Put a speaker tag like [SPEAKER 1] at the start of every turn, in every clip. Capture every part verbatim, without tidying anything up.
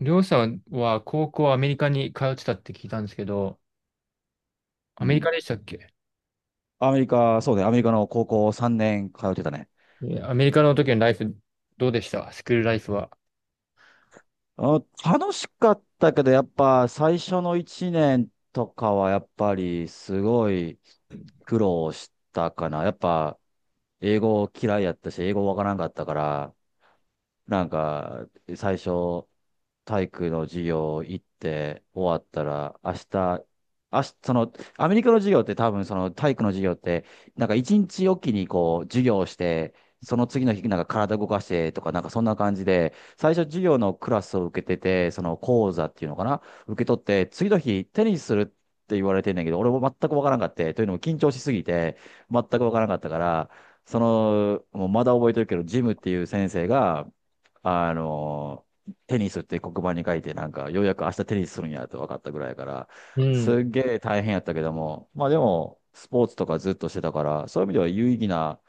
[SPEAKER 1] りょうさんは高校アメリカに通ってたって聞いたんですけど、ア
[SPEAKER 2] う
[SPEAKER 1] メリカ
[SPEAKER 2] ん。
[SPEAKER 1] でしたっけ？
[SPEAKER 2] アメリカ、そうね、アメリカの高校さんねん通ってたね。
[SPEAKER 1] えアメリカの時のライフ、どうでした、スクールライフは？
[SPEAKER 2] あ、楽しかったけど、やっぱ最初のいちねんとかはやっぱりすごい苦労したかな。やっぱ英語嫌いやったし、英語わからんかったから、なんか最初体育の授業行って終わったら、明日、明日、その、アメリカの授業って多分その体育の授業って、なんか一日おきにこう授業をして、その次の日なんか体動かしてとかなんかそんな感じで、最初授業のクラスを受けてて、その講座っていうのかな、受け取って、次の日テニスするって言われてんだけど、俺も全くわからんかって、というのも緊張しすぎて、全くわからんかったから、その、もうまだ覚えてるけど、ジムっていう先生が、あの、テニスって黒板に書いて、なんか、ようやく明日テニスするんやと分かったぐらいやから、
[SPEAKER 1] う
[SPEAKER 2] す
[SPEAKER 1] ん、
[SPEAKER 2] っげえ大変やったけども、まあでも、スポーツとかずっとしてたから、そういう意味では有意義な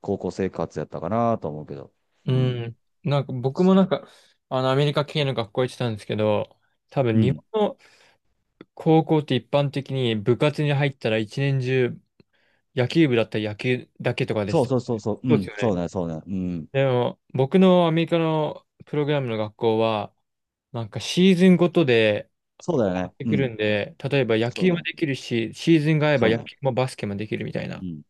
[SPEAKER 2] 高校生活やったかなと思うけど。
[SPEAKER 1] う
[SPEAKER 2] うん。
[SPEAKER 1] ん。なんか僕もなんか、あの、アメリカ系の学校行ってたんですけど、多
[SPEAKER 2] う
[SPEAKER 1] 分日
[SPEAKER 2] ん。
[SPEAKER 1] 本の高校って一般的に部活に入ったら一年中、野球部だったら野球だけとかでし
[SPEAKER 2] そう
[SPEAKER 1] た。
[SPEAKER 2] そうそうそう。う
[SPEAKER 1] そうです
[SPEAKER 2] ん。
[SPEAKER 1] よ
[SPEAKER 2] そう
[SPEAKER 1] ね。
[SPEAKER 2] ね、そうね。うん。
[SPEAKER 1] でも僕のアメリカのプログラムの学校は、なんかシーズンごとで
[SPEAKER 2] そうだよ
[SPEAKER 1] 買っ
[SPEAKER 2] ね。
[SPEAKER 1] て
[SPEAKER 2] う
[SPEAKER 1] くる
[SPEAKER 2] ん。
[SPEAKER 1] んで、例えば野
[SPEAKER 2] そう
[SPEAKER 1] 球も
[SPEAKER 2] ね。
[SPEAKER 1] できるし、シーズンが合えば
[SPEAKER 2] そう
[SPEAKER 1] 野
[SPEAKER 2] ね。
[SPEAKER 1] 球もバスケもできるみたいな。
[SPEAKER 2] うん。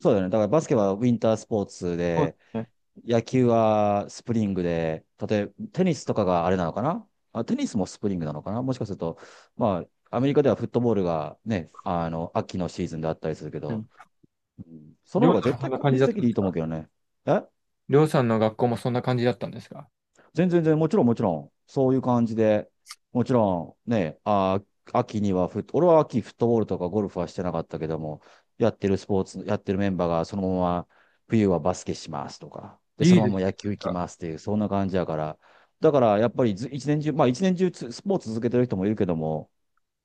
[SPEAKER 2] そうだよね。だからバスケはウィンタースポーツ
[SPEAKER 1] そうで
[SPEAKER 2] で、
[SPEAKER 1] すね。
[SPEAKER 2] 野球はスプリングで、例えばテニスとかがあれなのかな。あ、テニスもスプリングなのかなもしかすると、まあ、アメリカではフットボールがね、あの、秋のシーズンであったりするけ
[SPEAKER 1] う
[SPEAKER 2] ど、
[SPEAKER 1] ん。
[SPEAKER 2] うんそ
[SPEAKER 1] り
[SPEAKER 2] の
[SPEAKER 1] ょ
[SPEAKER 2] 方
[SPEAKER 1] う
[SPEAKER 2] が
[SPEAKER 1] さん
[SPEAKER 2] 絶
[SPEAKER 1] もそん
[SPEAKER 2] 対
[SPEAKER 1] な
[SPEAKER 2] 効
[SPEAKER 1] 感じ
[SPEAKER 2] 率
[SPEAKER 1] だっ
[SPEAKER 2] 的
[SPEAKER 1] たん
[SPEAKER 2] で
[SPEAKER 1] で
[SPEAKER 2] いい
[SPEAKER 1] す
[SPEAKER 2] と思う
[SPEAKER 1] か？
[SPEAKER 2] けどね。え、
[SPEAKER 1] りょうさんの学校もそんな感じだったんですか？
[SPEAKER 2] 全然全然、もちろんもちろん、そういう感じで、もちろんね、あー、秋にはフット、俺は秋フットボールとかゴルフはしてなかったけども、やってるスポーツ、やってるメンバーがそのまま冬はバスケしますとか、で、そ
[SPEAKER 1] いい
[SPEAKER 2] のま
[SPEAKER 1] ですね。
[SPEAKER 2] ま野球
[SPEAKER 1] なん
[SPEAKER 2] 行き
[SPEAKER 1] か、
[SPEAKER 2] ますっていう、そんな感じやから、だからやっぱりず一年中、まあ一年中つスポーツ続けてる人もいるけども、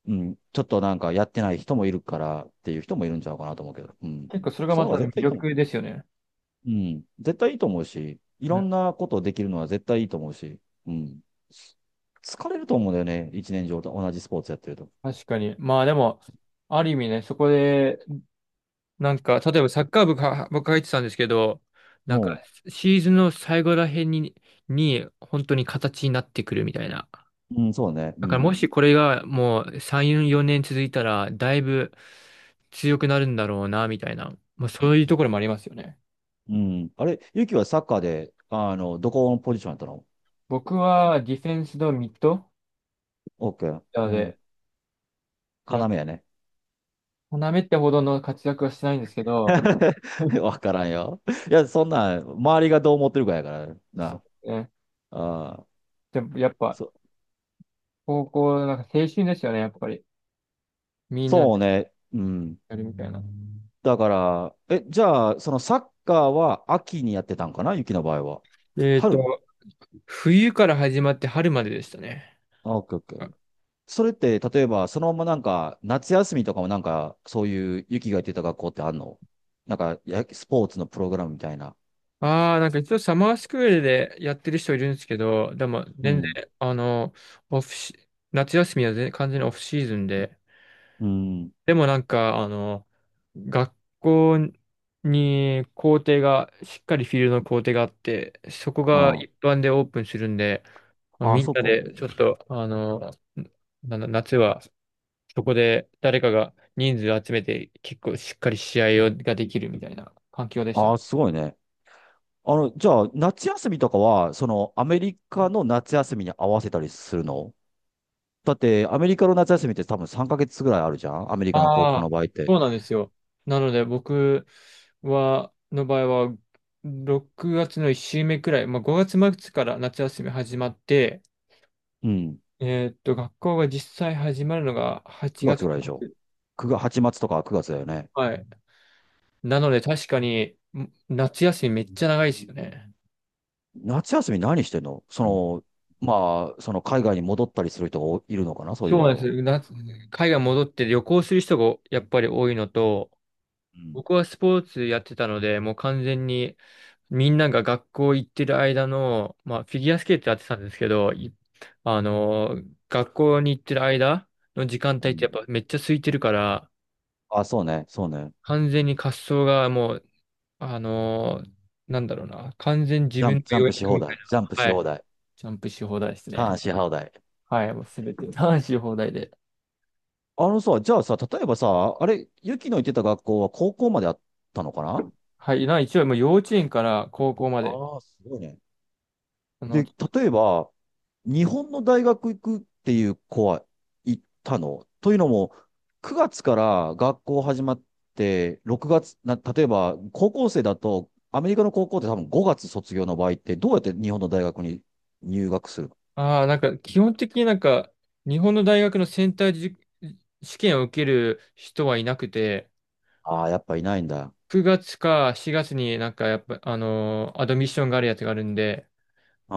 [SPEAKER 2] うん、ちょっとなんかやってない人もいるからっていう人もいるんちゃうかなと思うけど、うん。
[SPEAKER 1] 結構それが
[SPEAKER 2] そ
[SPEAKER 1] ま
[SPEAKER 2] の方
[SPEAKER 1] た
[SPEAKER 2] が
[SPEAKER 1] 魅
[SPEAKER 2] 絶対いいと思
[SPEAKER 1] 力
[SPEAKER 2] う。
[SPEAKER 1] ですよね。
[SPEAKER 2] うん。絶対いいと思うし、い
[SPEAKER 1] う
[SPEAKER 2] ろ
[SPEAKER 1] ん、
[SPEAKER 2] んなことできるのは絶対いいと思うし、うん。疲れると思うんだよね。一年上と同じスポーツやってると。
[SPEAKER 1] 確かに。まあでも、ある意味ね、そこで、なんか、例えばサッカー部か、僕入ってたんですけど、なんか、
[SPEAKER 2] おう。
[SPEAKER 1] シーズンの最後らへんに、に、本当に形になってくるみたいな。
[SPEAKER 2] うん、そうね。
[SPEAKER 1] だ
[SPEAKER 2] う
[SPEAKER 1] からも
[SPEAKER 2] ん。
[SPEAKER 1] しこれがもうさん、よねん続いたら、だいぶ強くなるんだろうな、みたいな。まあそういうところもありますよね。
[SPEAKER 2] うん。あれ、ゆきはサッカーで、あの、どこのポジションやったの？
[SPEAKER 1] 僕はディフェンスとミッド
[SPEAKER 2] オッケー。
[SPEAKER 1] なの
[SPEAKER 2] うん。
[SPEAKER 1] で、いや、
[SPEAKER 2] 要やね。
[SPEAKER 1] なめってほどの活躍はしてないんですけど、
[SPEAKER 2] わからんよ。いや、そんなん、周りがどう思ってるかやから
[SPEAKER 1] そう
[SPEAKER 2] な。
[SPEAKER 1] ですね。
[SPEAKER 2] ああ、
[SPEAKER 1] でもやっぱ、
[SPEAKER 2] そ、
[SPEAKER 1] 高校、なんか青春ですよね、やっぱり。みんなで
[SPEAKER 2] そうね。うん。
[SPEAKER 1] やるみたいな。
[SPEAKER 2] だから、え、じゃあ、そのサッカーは秋にやってたんかな雪の場合は。
[SPEAKER 1] えっ
[SPEAKER 2] 春、
[SPEAKER 1] と、冬から始まって春まででしたね。
[SPEAKER 2] あ、オッケーオッケー。それって、例えば、そのままなんか、夏休みとかもなんか、そういう雪が言ってた学校ってあんの？なんか、や、スポーツのプログラムみたいな。
[SPEAKER 1] ああ、なんか一応サマースクールでやってる人いるんですけど、でも
[SPEAKER 2] う
[SPEAKER 1] 全然、
[SPEAKER 2] ん。
[SPEAKER 1] あの、オフシ、夏休みは全完全にオフシーズンで、
[SPEAKER 2] うん。
[SPEAKER 1] でもなんか、あの、学校に校庭が、しっかりフィールドの校庭があって、そこが
[SPEAKER 2] あ
[SPEAKER 1] 一般でオープンするんで、まあ、
[SPEAKER 2] あ、あ、
[SPEAKER 1] みん
[SPEAKER 2] そう
[SPEAKER 1] な
[SPEAKER 2] か。
[SPEAKER 1] でちょっと、あの、なな夏はそこで誰かが人数集めて結構しっかり試合をができるみたいな環境でした
[SPEAKER 2] あ
[SPEAKER 1] ね。
[SPEAKER 2] あ、すごいね。あの、じゃあ、夏休みとかは、その、アメリカの夏休みに合わせたりするの？だって、アメリカの夏休みって多分さんかげつぐらいあるじゃんアメリカの高
[SPEAKER 1] あ
[SPEAKER 2] 校の
[SPEAKER 1] あ、
[SPEAKER 2] 場合って。
[SPEAKER 1] そうなんですよ。なので僕は、の場合は、ろくがつのいっ週目くらい、まあ、ごがつ末から夏休み始まって、
[SPEAKER 2] うん。
[SPEAKER 1] えーっと、学校が実際始まるのが8
[SPEAKER 2] くがつ
[SPEAKER 1] 月
[SPEAKER 2] ぐらいでしょ？
[SPEAKER 1] 末。
[SPEAKER 2] ?く 月、はちがつとかくがつだよね。
[SPEAKER 1] はい。なので確かに、ん夏休みめっちゃ長いですよね。
[SPEAKER 2] 夏休み何してんのその、まあ、その海外に戻ったりする人がおいるのかなそうい
[SPEAKER 1] そ
[SPEAKER 2] う
[SPEAKER 1] う
[SPEAKER 2] 場
[SPEAKER 1] なん
[SPEAKER 2] 合
[SPEAKER 1] で
[SPEAKER 2] は。
[SPEAKER 1] す。夏、海外戻って旅行する人がやっぱり多いのと、
[SPEAKER 2] うん。
[SPEAKER 1] 僕はスポーツやってたので、もう完全にみんなが学校行ってる間の、まあ、フィギュアスケートやってたんですけど、いあのー、学校に行ってる間の時間
[SPEAKER 2] う
[SPEAKER 1] 帯ってや
[SPEAKER 2] ん。
[SPEAKER 1] っぱめっちゃ空いてるから、
[SPEAKER 2] あ、そうね、そうね。
[SPEAKER 1] 完全に滑走がもう、あのー、なんだろうな、完全に自
[SPEAKER 2] ジャ
[SPEAKER 1] 分
[SPEAKER 2] ン
[SPEAKER 1] の
[SPEAKER 2] プ、ジャ
[SPEAKER 1] 予
[SPEAKER 2] ンプし
[SPEAKER 1] 約
[SPEAKER 2] 放
[SPEAKER 1] みたい
[SPEAKER 2] 題。ジャンプ
[SPEAKER 1] な。
[SPEAKER 2] し
[SPEAKER 1] は
[SPEAKER 2] 放
[SPEAKER 1] い。
[SPEAKER 2] 題。
[SPEAKER 1] ジャンプし放題です
[SPEAKER 2] ターン
[SPEAKER 1] ね。
[SPEAKER 2] し放題。
[SPEAKER 1] はい、もうすべて、男し放題で。
[SPEAKER 2] あのさ、じゃあさ、例えばさ、あれ、ユキの行ってた学校は高校まであったのかな？
[SPEAKER 1] はい、な、一応もう幼稚園から高校まで、
[SPEAKER 2] ああー、すごいね。
[SPEAKER 1] あの、
[SPEAKER 2] で、例えば、日本の大学行くっていう子は行ったのというのも、くがつから学校始まって、ろくがつ、な、例えば高校生だと、アメリカの高校って多分ごがつ卒業の場合って、どうやって日本の大学に入学するの？
[SPEAKER 1] ああ、なんか基本的になんか、日本の大学のセンターじ試験を受ける人はいなくて、
[SPEAKER 2] ああー、やっぱいないんだ。
[SPEAKER 1] くがつかしがつになんかやっぱ、あのーアドミッションがあるやつがあるんで、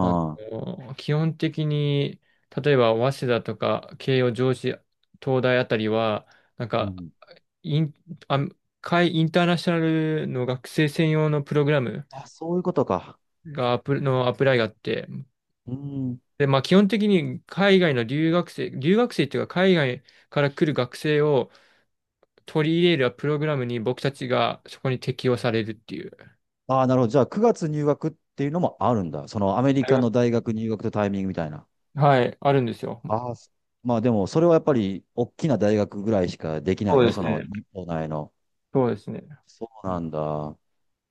[SPEAKER 1] あの
[SPEAKER 2] あ、
[SPEAKER 1] ー基本的に、例えば早稲田とか慶応、上智、東大あたりは、なん
[SPEAKER 2] う
[SPEAKER 1] か
[SPEAKER 2] ん。
[SPEAKER 1] イン、あ、海インターナショナルの学生専用のプログラム
[SPEAKER 2] あ、そういうことか。
[SPEAKER 1] がアプ、のアプライがあって、
[SPEAKER 2] うん。
[SPEAKER 1] で、まあ基本的に海外の留学生、留学生っていうか海外から来る学生を取り入れるプログラムに僕たちがそこに適用されるっていう。
[SPEAKER 2] ああ、なるほど。じゃあくがつ入学っていうのもあるんだ。そのアメリ
[SPEAKER 1] あり
[SPEAKER 2] カ
[SPEAKER 1] ま
[SPEAKER 2] の
[SPEAKER 1] す。
[SPEAKER 2] 大学入学とタイミングみたいな。
[SPEAKER 1] はい、あるんですよ。
[SPEAKER 2] ああ、そまあでも、それはやっぱり、大きな大学ぐらいしかできない
[SPEAKER 1] そ
[SPEAKER 2] よ
[SPEAKER 1] うで
[SPEAKER 2] ね、そ
[SPEAKER 1] す
[SPEAKER 2] の、
[SPEAKER 1] ね。
[SPEAKER 2] 日本内の。
[SPEAKER 1] そうですね。
[SPEAKER 2] そうなんだ。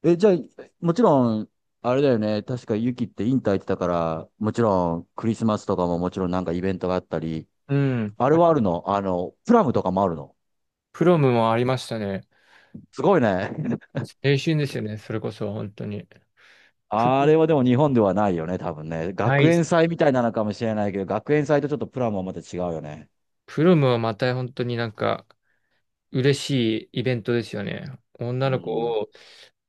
[SPEAKER 2] え、じゃあ、もちろん、あれだよね、確かユキってインター行ってたから、もちろん、クリスマスとかももちろんなんかイベントがあったり、
[SPEAKER 1] うん。
[SPEAKER 2] あれ
[SPEAKER 1] あ
[SPEAKER 2] はあるの、あの、プラムとかもあるの？
[SPEAKER 1] プロムもありましたね。
[SPEAKER 2] すごいね。
[SPEAKER 1] 青春ですよね。それこそ、本当に。プ
[SPEAKER 2] あ
[SPEAKER 1] ロム、
[SPEAKER 2] れはでも日本ではないよね、多分ね。
[SPEAKER 1] な
[SPEAKER 2] 学
[SPEAKER 1] い。
[SPEAKER 2] 園祭みたいなのかもしれないけど、学園祭とちょっとプラムはまた違うよね。
[SPEAKER 1] プロムはまた本当になんか、嬉しいイベントですよね。
[SPEAKER 2] う
[SPEAKER 1] 女の子
[SPEAKER 2] ん。
[SPEAKER 1] を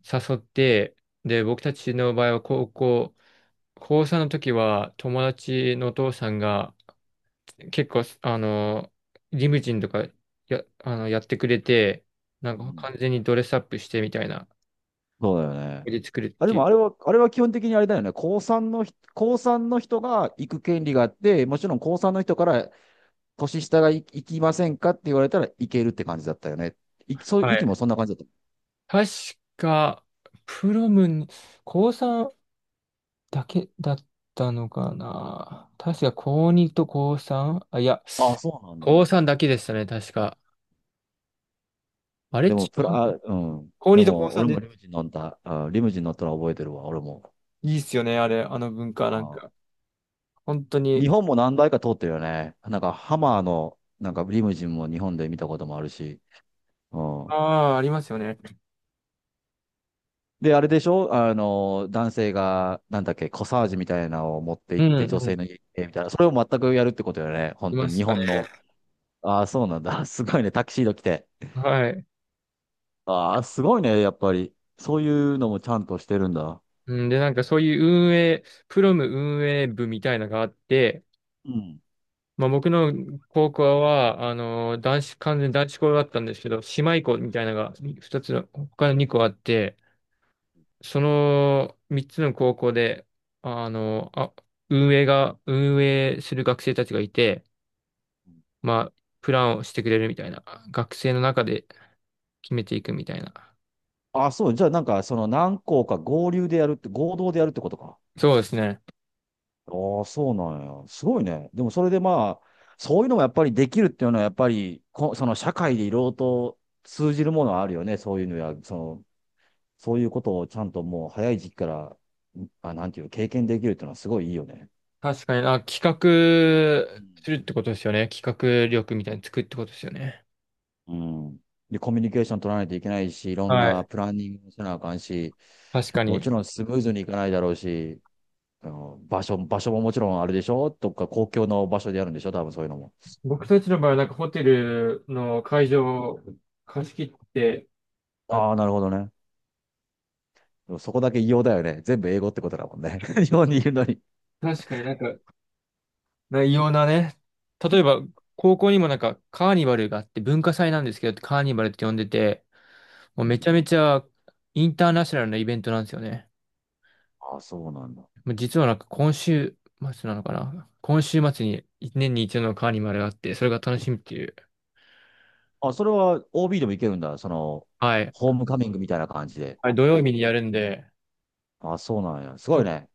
[SPEAKER 1] 誘って、で、僕たちの場合は高校、高さんの時は友達のお父さんが結構、あの、リムジンとかや、あの、やってくれて、な
[SPEAKER 2] う
[SPEAKER 1] んか
[SPEAKER 2] ん、
[SPEAKER 1] 完全にドレスアップしてみたいな、
[SPEAKER 2] そうだよね。
[SPEAKER 1] で作るっ
[SPEAKER 2] あ、で
[SPEAKER 1] ていう。
[SPEAKER 2] もあれは、あれは基本的にあれだよね。高三の人高三の人が行く権利があって、もちろん高三の人から年下が行行きませんかって言われたら行けるって感じだったよね。い、そう、ゆきもそんな感じだっ
[SPEAKER 1] 確か、プロムに、高さんだけだったのかな。確か、高にと高 さん？ あ、いや、
[SPEAKER 2] た。ああ、そうなんだ。
[SPEAKER 1] 高さんだけでしたね、確か。あれ、違
[SPEAKER 2] でも、プラ、あ、
[SPEAKER 1] う、
[SPEAKER 2] うん。
[SPEAKER 1] 高
[SPEAKER 2] で
[SPEAKER 1] にと高
[SPEAKER 2] も、
[SPEAKER 1] さん
[SPEAKER 2] 俺
[SPEAKER 1] で
[SPEAKER 2] もリム
[SPEAKER 1] す。
[SPEAKER 2] ジン乗った、あ、リムジン乗ったの覚えてるわ、俺も。
[SPEAKER 1] いいっすよね、あれ、あの文化、なん
[SPEAKER 2] あ
[SPEAKER 1] か。本当
[SPEAKER 2] ー、日
[SPEAKER 1] に。
[SPEAKER 2] 本も何台か通ってるよね。なんか、ハマーの、なんかリムジンも日本で見たこともあるし。うん。
[SPEAKER 1] ああ、ありますよね。
[SPEAKER 2] で、あれでしょあの、男性が、なんだっけ、コサージュみたいなのを持って
[SPEAKER 1] う
[SPEAKER 2] 行っ
[SPEAKER 1] ん、
[SPEAKER 2] て、女
[SPEAKER 1] う
[SPEAKER 2] 性
[SPEAKER 1] ん。
[SPEAKER 2] の家に行ってみたいな。それを全くやるってことよね。
[SPEAKER 1] い
[SPEAKER 2] 本当
[SPEAKER 1] ま
[SPEAKER 2] に
[SPEAKER 1] し
[SPEAKER 2] 日
[SPEAKER 1] たね。
[SPEAKER 2] 本の。ああ、そうなんだ。すごいね。タキシード着て。
[SPEAKER 1] はい。
[SPEAKER 2] ああ、すごいね。やっぱり。そういうのもちゃんとしてるんだ。
[SPEAKER 1] うん、で、なんかそういう運営、プロム運営部みたいなのがあって、
[SPEAKER 2] うん。
[SPEAKER 1] まあ、僕の高校は、あの、男子、完全に男子校だったんですけど、姉妹校みたいなのが二つの、他のに校あって、そのみっつの高校で、あの、あ、運営が、運営する学生たちがいて、まあ、プランをしてくれるみたいな、学生の中で決めていくみたいな。
[SPEAKER 2] ああ、そう。じゃあ、なんか、その何校か合流でやるって、合同でやるってことか。
[SPEAKER 1] そうですね。
[SPEAKER 2] ああ、そうなんや。すごいね。でも、それでまあ、そういうのもやっぱりできるっていうのは、やっぱりこ、その社会でいろいろと通じるものはあるよね。そういうのや、その、そういうことをちゃんともう早い時期から、あ、なんていう、経験できるっていうのはすごいいいよね。
[SPEAKER 1] 確かに、あ、企画
[SPEAKER 2] うん
[SPEAKER 1] するってことですよね。企画
[SPEAKER 2] う
[SPEAKER 1] 力みたいに作るってことですよね。
[SPEAKER 2] んうん。で、コミュニケーション取らないといけないし、いろん
[SPEAKER 1] は
[SPEAKER 2] な
[SPEAKER 1] い。
[SPEAKER 2] プランニングもせなあかんし、
[SPEAKER 1] 確か
[SPEAKER 2] もち
[SPEAKER 1] に。
[SPEAKER 2] ろんスムーズにいかないだろうし、あの場所、場所ももちろんあれでしょとか公共の場所でやるんでしょ多分そういうのも。
[SPEAKER 1] 僕たちの場合はなんかホテルの会場を貸し切って、あ
[SPEAKER 2] ああ、なるほどね。でもそこだけ異様だよね。全部英語ってことだもんね。日本にいるのに。
[SPEAKER 1] 確かになんか、な異様なね、例えば高校にもなんかカーニバルがあって、文化祭なんですけど、カーニバルって呼んでて、もう
[SPEAKER 2] う
[SPEAKER 1] め
[SPEAKER 2] ん。
[SPEAKER 1] ちゃめちゃインターナショナルなイベントなんですよね。
[SPEAKER 2] ああ、そうなんだ。
[SPEAKER 1] もう実はなんか今週末なのかな。今週末に一年に一度のカーニバルがあって、それが楽しみっていう。
[SPEAKER 2] あ、それは オービー でもいけるんだ。その、
[SPEAKER 1] はい。
[SPEAKER 2] ホームカミングみたいな感じで。
[SPEAKER 1] はい、土曜日にやるんで、
[SPEAKER 2] あ、そうなんや。す
[SPEAKER 1] ち
[SPEAKER 2] ごい
[SPEAKER 1] ょ、
[SPEAKER 2] ね。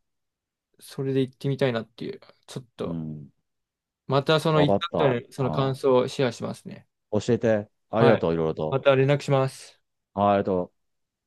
[SPEAKER 1] それで行ってみたいなっていう。ちょっ
[SPEAKER 2] う
[SPEAKER 1] と。
[SPEAKER 2] ん。
[SPEAKER 1] またその
[SPEAKER 2] わ
[SPEAKER 1] 行
[SPEAKER 2] か
[SPEAKER 1] っ
[SPEAKER 2] っ
[SPEAKER 1] た後
[SPEAKER 2] た。あ、
[SPEAKER 1] のその感想をシェアしますね。
[SPEAKER 2] 教えて。あり
[SPEAKER 1] は
[SPEAKER 2] が
[SPEAKER 1] い。
[SPEAKER 2] とう、いろいろ
[SPEAKER 1] ま
[SPEAKER 2] と。
[SPEAKER 1] た連絡します。
[SPEAKER 2] はい、ありがとう。